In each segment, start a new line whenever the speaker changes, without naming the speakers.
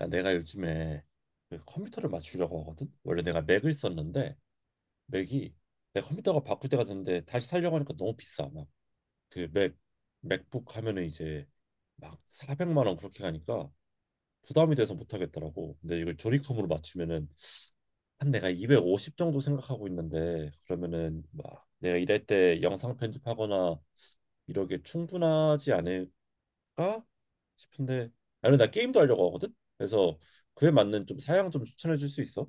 야, 내가 요즘에 그 컴퓨터를 맞추려고 하거든. 원래 내가 맥을 썼는데 맥이 내 컴퓨터가 바꿀 때가 됐는데 다시 살려고 하니까 너무 비싸. 막 그 맥 맥북 하면은 이제 막 400만 원 그렇게 가니까 부담이 돼서 못 하겠더라고. 근데 이걸 조리컴으로 맞추면은 한 내가 250 정도 생각하고 있는데 그러면은 막 내가 일할 때 영상 편집하거나 이러게 충분하지 않을까 싶은데. 아니, 나 게임도 하려고 하거든. 그래서 그에 맞는 좀 사양 좀 추천해 줄 수 있어?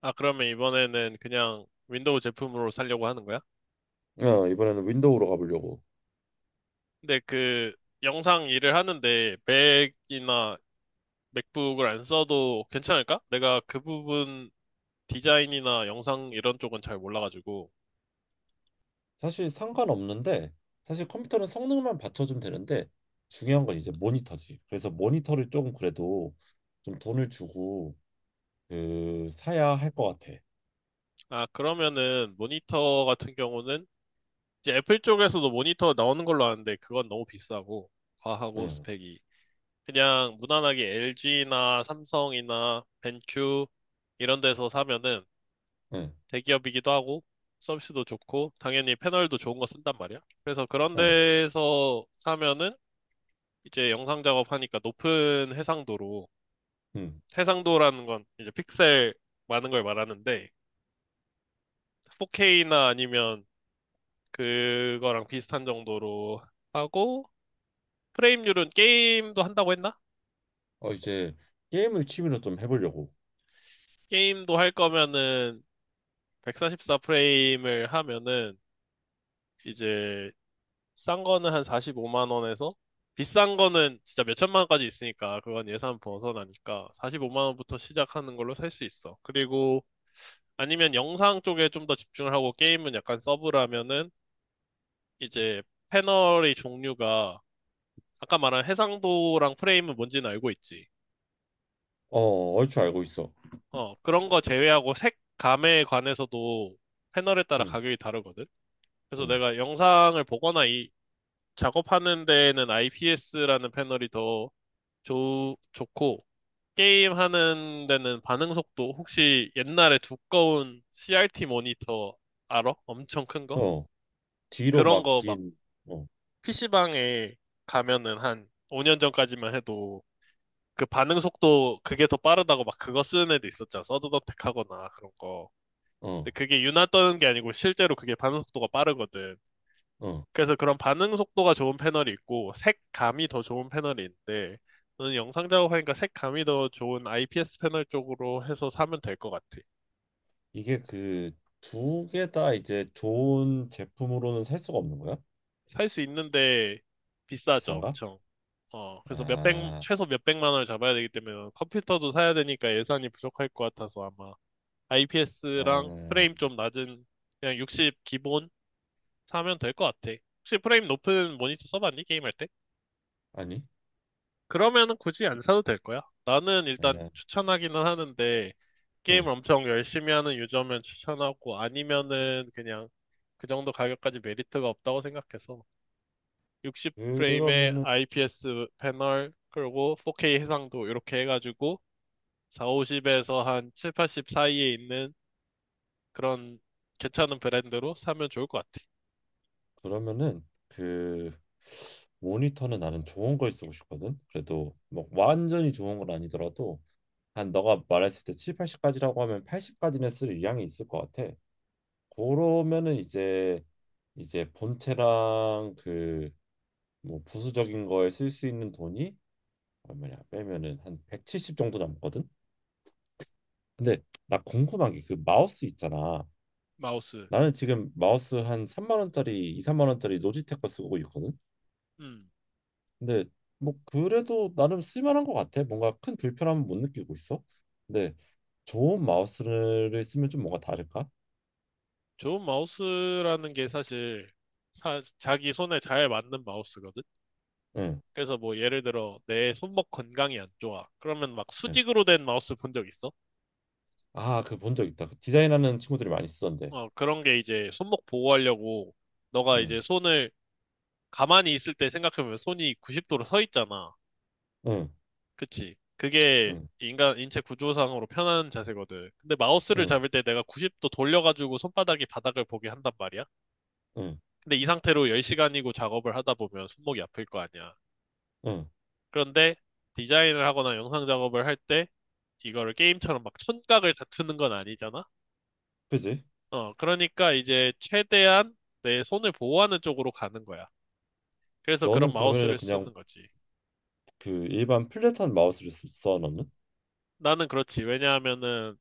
아, 그러면 이번에는 그냥 윈도우 제품으로 살려고 하는 거야?
어, 이번에는 윈도우로 가보려고.
근데 그 영상 일을 하는데 맥이나 맥북을 안 써도 괜찮을까? 내가 그 부분 디자인이나 영상 이런 쪽은 잘 몰라가지고.
사실 상관없는데, 사실 컴퓨터는 성능만 받쳐주면 되는데, 중요한 건 이제 모니터지. 그래서 모니터를 조금 그래도 좀 돈을 주고, 그, 사야 할 것 같아.
아, 그러면은 모니터 같은 경우는 이제 애플 쪽에서도 모니터 나오는 걸로 아는데 그건 너무 비싸고 과하고
응,
스펙이. 그냥 무난하게 LG나 삼성이나 벤큐 이런 데서 사면은
응,
대기업이기도 하고 서비스도 좋고 당연히 패널도 좋은 거 쓴단 말이야. 그래서 그런
응,
데서 사면은 이제 영상 작업하니까 높은 해상도로.
응.
해상도라는 건 이제 픽셀 많은 걸 말하는데 4K나 아니면 그거랑 비슷한 정도로 하고, 프레임률은? 게임도 한다고 했나?
어, 이제 게임을 취미로 좀 해보려고.
게임도 할 거면은 144 프레임을 하면은 이제 싼 거는 한 45만 원에서 비싼 거는 진짜 몇 천만 원까지 있으니까, 그건 예산 벗어나니까 45만 원부터 시작하는 걸로 살 수 있어. 그리고 아니면 영상 쪽에 좀 더 집중을 하고 게임은 약간 서브라면은 이제 패널의 종류가, 아까 말한 해상도랑 프레임은 뭔지는 알고 있지.
어, 얼추 알고 있어.
어, 그런 거 제외하고 색감에 관해서도 패널에 따라
응,
가격이 다르거든. 그래서
응.
내가 영상을 보거나 이 작업하는 데에는 IPS라는 패널이 더 좋고, 게임 하는 데는 반응 속도, 혹시 옛날에 두꺼운 CRT 모니터 알아? 엄청 큰 거?
어, 뒤로
그런
막
거 막
긴. 어.
PC방에 가면은 한 5년 전까지만 해도 그 반응 속도, 그게 더 빠르다고 막 그거 쓰는 애도 있었잖아. 서든어택 하거나 그런 거.
어.
근데 그게 유나 떠는 게 아니고 실제로 그게 반응 속도가 빠르거든.
어.
그래서 그런 반응 속도가 좋은 패널이 있고 색감이 더 좋은 패널이 있는데, 너는 영상 작업하니까 색감이 더 좋은 IPS 패널 쪽으로 해서 사면 될 것 같아.
이게 그 두 개 다 이제 좋은 제품으로는 살 수가 없는 거야?
살 수 있는데 비싸죠,
비싼가?
엄청. 어, 그래서 몇백,
아,
최소 몇백만 원을 잡아야 되기 때문에, 컴퓨터도 사야 되니까 예산이 부족할 것 같아서 아마 IPS랑 프레임
아,
좀 낮은 그냥 60 기본 사면 될 것 같아. 혹시 프레임 높은 모니터 써봤니? 게임할 때?
아니,
그러면은 굳이 안 사도 될 거야. 나는 일단
아,
추천하기는 하는데,
응.
게임을 엄청 열심히 하는 유저면 추천하고 아니면은 그냥 그 정도 가격까지 메리트가 없다고 생각해서 60프레임의
그러면은
IPS 패널, 그리고 4K 해상도, 이렇게 해가지고 450에서 한 7, 80 사이에 있는 그런 괜찮은 브랜드로 사면 좋을 것 같아.
그러면은 그 모니터는 나는 좋은 걸 쓰고 싶거든. 그래도 뭐 완전히 좋은 건 아니더라도 한 너가 말했을 때 7, 80까지라고 하면 80까지는 쓸 의향이 있을 것 같아. 그러면은 이제 본체랑 그 뭐 부수적인 거에 쓸 수 있는 돈이 얼마냐 빼면은 한 170 정도 남거든. 근데 나 궁금한 게 그 마우스 있잖아.
마우스.
나는 지금 마우스 한 3만 원짜리, 2, 3만 원짜리 노지텍 거 쓰고 있거든.
음,
근데 뭐 그래도 나름 쓸만한 것 같아. 뭔가 큰 불편함은 못 느끼고 있어. 근데 좋은 마우스를 쓰면 좀 뭔가 다를까?
좋은 마우스라는 게 사실 자기 손에 잘 맞는 마우스거든.
응.
그래서 뭐 예를 들어 내 손목 건강이 안 좋아. 그러면 막
응.
수직으로 된 마우스 본 적 있어?
아, 그 본 적 있다. 그 디자인하는 친구들이 많이 쓰던데.
어, 그런 게 이제 손목 보호하려고. 너가
응.
이제 손을 가만히 있을 때 생각해보면 손이 90도로 서 있잖아.
응.
그치? 그게
응.
인간 인체 구조상으로 편한 자세거든. 근데 마우스를
응.
잡을 때 내가 90도 돌려가지고 손바닥이 바닥을 보게 한단 말이야.
응.
근데 이 상태로 10시간이고 작업을 하다 보면 손목이 아플 거 아니야.
응.
그런데 디자인을 하거나 영상 작업을 할 때 이거를 게임처럼 막 촌각을 다투는 건 아니잖아?
그지?
어, 그러니까 이제 최대한 내 손을 보호하는 쪽으로 가는 거야. 그래서 그런
너는 그러면은
마우스를
그냥
쓰는 거지.
그 일반 플랫한 마우스를 써 너는?
나는 그렇지. 왜냐하면은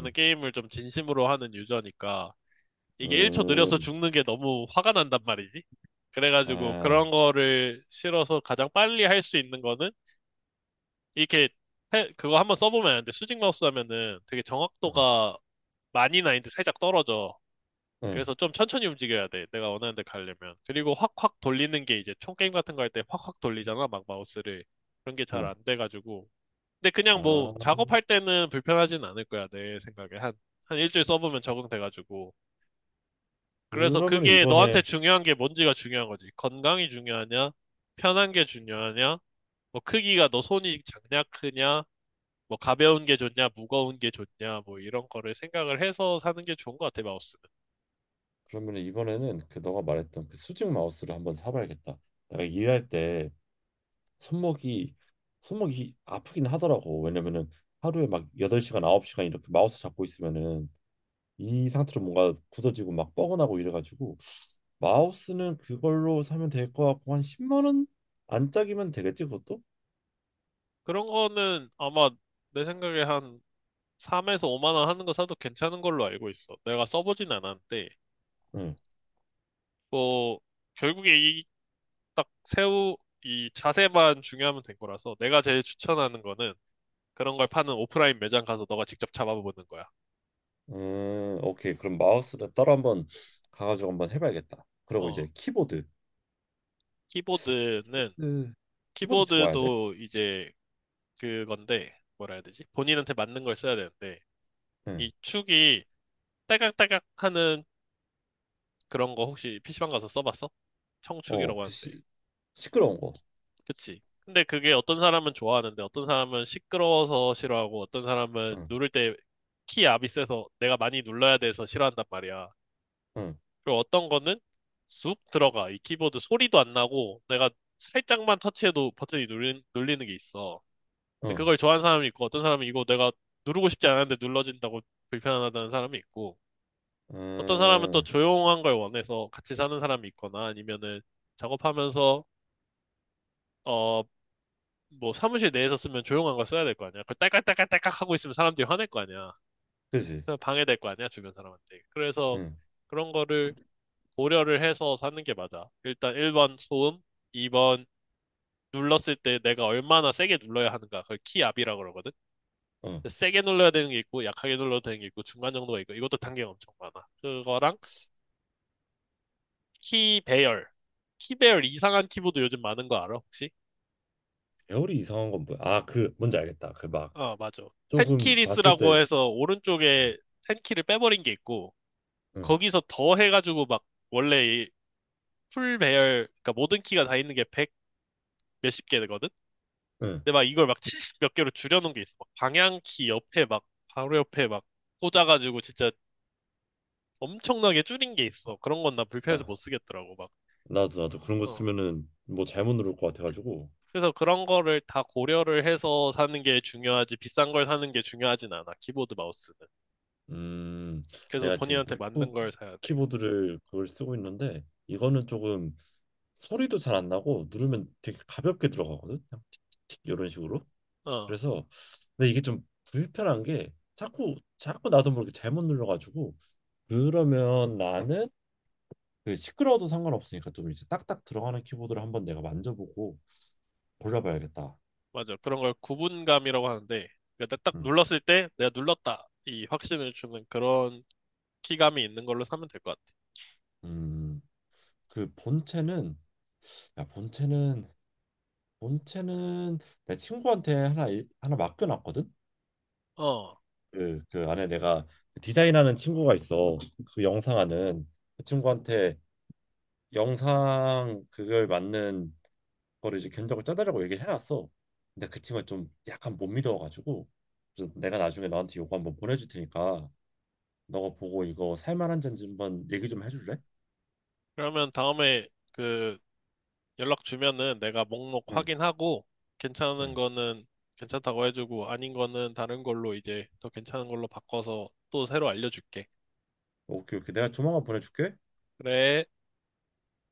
응.
게임을 좀 진심으로 하는 유저니까 이게 1초 느려서
음.
죽는 게 너무 화가 난단 말이지. 그래가지고
아.
그런 거를 싫어서 가장 빨리 할 수 있는 거는 이렇게 그거 한번 써보면 아는데, 수직 마우스 하면은 되게
응.
정확도가 많이 나는데 살짝 떨어져.
응.
그래서 좀 천천히 움직여야 돼. 내가 원하는 데 가려면. 그리고 확확 돌리는 게, 이제 총 게임 같은 거 할 때 확확 돌리잖아, 막 마우스를. 그런 게 잘
응.
안 돼가지고. 근데 그냥 뭐
아.
작업할 때는 불편하진 않을 거야, 내 생각에. 한, 한 일주일 써보면 적응돼가지고. 그래서
그러면
그게 너한테
이번에
중요한 게 뭔지가 중요한 거지. 건강이 중요하냐? 편한 게 중요하냐? 뭐 크기가, 너 손이 작냐, 크냐? 뭐 가벼운 게 좋냐, 무거운 게 좋냐? 뭐 이런 거를 생각을 해서 사는 게 좋은 것 같아, 마우스는.
그러면 이번에는 그 너가 말했던 그 수직 마우스를 한번 사봐야겠다. 내가 일할 때 손목이 손목이 아프긴 하더라고. 왜냐면은 하루에 막 8시간, 9시간 이렇게 마우스 잡고 있으면은 이 상태로 뭔가 굳어지고 막 뻐근하고 이래가지고 마우스는 그걸로 사면 될 것 같고 한 10만 원 안짝이면 되겠지 그것도?
그런 거는 아마 내 생각에 한 3에서 5만 원 하는 거 사도 괜찮은 걸로 알고 있어, 내가 써보진 않았는데.
응.
뭐 결국에 딱 새우, 이 자세만 중요하면 된 거라서 내가 제일 추천하는 거는 그런 걸 파는 오프라인 매장 가서 너가 직접 잡아보는 거야.
오케이. 그럼
어,
마우스를 따로 한번 가가지고 한번 해봐야겠다. 그리고
어.
이제 키보드.
키보드는,
네. 키보드 좋아야 돼?
키보드도 이제 그건데, 뭐라 해야 되지? 본인한테 맞는 걸 써야 되는데,
응.
이 축이 딸깍딸깍 하는 그런 거 혹시 PC방 가서 써봤어?
어,
청축이라고
그
하는데.
시끄러운 거.
그치? 근데 그게 어떤 사람은 좋아하는데 어떤 사람은 시끄러워서 싫어하고, 어떤 사람은
응,
누를 때 키 압이 세서 내가 많이 눌러야 돼서 싫어한단 말이야.
응,
그리고 어떤 거는 쑥 들어가. 이 키보드 소리도 안 나고 내가 살짝만 터치해도 버튼이 눌리는 게 있어. 근데
응,
그걸 좋아하는 사람이 있고, 어떤 사람은 이거 내가 누르고 싶지 않았는데 눌러진다고 불편하다는 사람이 있고, 어떤 사람은 또
응,
조용한 걸 원해서 같이 사는 사람이 있거나, 아니면은 작업하면서, 어, 뭐 사무실 내에서 쓰면 조용한 걸 써야 될 거 아니야. 그걸 딸깍딸깍딸깍 하고 있으면 사람들이 화낼 거 아니야.
그지.
그냥 방해될 거 아니야, 주변 사람한테. 그래서
응,
그런 거를 고려를 해서 사는 게 맞아. 일단 1번 소음, 2번 눌렀을 때 내가 얼마나 세게 눌러야 하는가. 그걸 키압이라고 그러거든.
응.
근데 세게 눌러야 되는 게 있고 약하게 눌러도 되는 게 있고 중간 정도가 있고, 이것도 단계가 엄청 많아. 그거랑 키 배열. 키 배열 이상한 키보드 요즘 많은 거 알아 혹시?
배열이 이상한 건 뭐야? 아, 그 뭔지 알겠다. 그 막
어, 맞아.
조금 봤을
텐키리스라고
때.
해서
응,
오른쪽에 텐키를 빼버린 게 있고,
응,
거기서 더 해가지고 막, 원래 이풀 배열, 그러니까 모든 키가 다 있는 게 100 몇십 개 되거든.
응.
근데 막 이걸 막 70 몇 개로 줄여놓은 게 있어. 막 방향키 옆에 막, 바로 옆에 막 꽂아가지고 진짜 엄청나게 줄인 게 있어. 그런 건 나
아,
불편해서 못 쓰겠더라고, 막.
나도 그런 거
어.
쓰면은 뭐 잘못 누를 것 같아가지고.
그래서 그런 거를 다 고려를 해서 사는 게 중요하지, 비싼 걸 사는 게 중요하진 않아, 키보드 마우스는.
음.
그래서
내가 지금
본인한테 맞는
맥북
걸 사야 돼.
키보드를 그걸 쓰고 있는데 이거는 조금 소리도 잘 안 나고 누르면 되게 가볍게 들어가거든. 그냥 틱틱틱 이런 식으로.
어,
그래서 근데 이게 좀 불편한 게 자꾸 자꾸 나도 모르게 잘못 눌러가지고 그러면 나는 그 시끄러워도 상관없으니까 좀 이제 딱딱 들어가는 키보드를 한번 내가 만져보고 골라봐야겠다.
맞아. 그런 걸 구분감이라고 하는데, 그러니까 딱
음.
눌렀을 때 내가 눌렀다, 이 확신을 주는 그런 키감이 있는 걸로 사면 될 것 같아.
음. 그 본체는 야 본체는 본체는 내 친구한테 하나 맡겨놨거든.
어,
그 안에 내가 디자인하는 친구가 있어. 그 영상하는 그 친구한테 영상 그걸 맞는 거를 이제 견적을 짜달라고 얘기를 해놨어. 근데 그 친구가 좀 약간 못 믿어가지고 그래서 내가 나중에 너한테 요거 한번 보내줄 테니까 너가 보고 이거 살만한 잔지 한번 얘기 좀 해줄래?
그러면 다음에 그 연락 주면은 내가 목록
응,
확인하고, 괜찮은
응.
거는 괜찮다고 해주고, 아닌 거는 다른 걸로 이제 더 괜찮은 걸로 바꿔서 또 새로 알려줄게.
오케이, 오케이. 내가 조만간 보내줄게.
그래.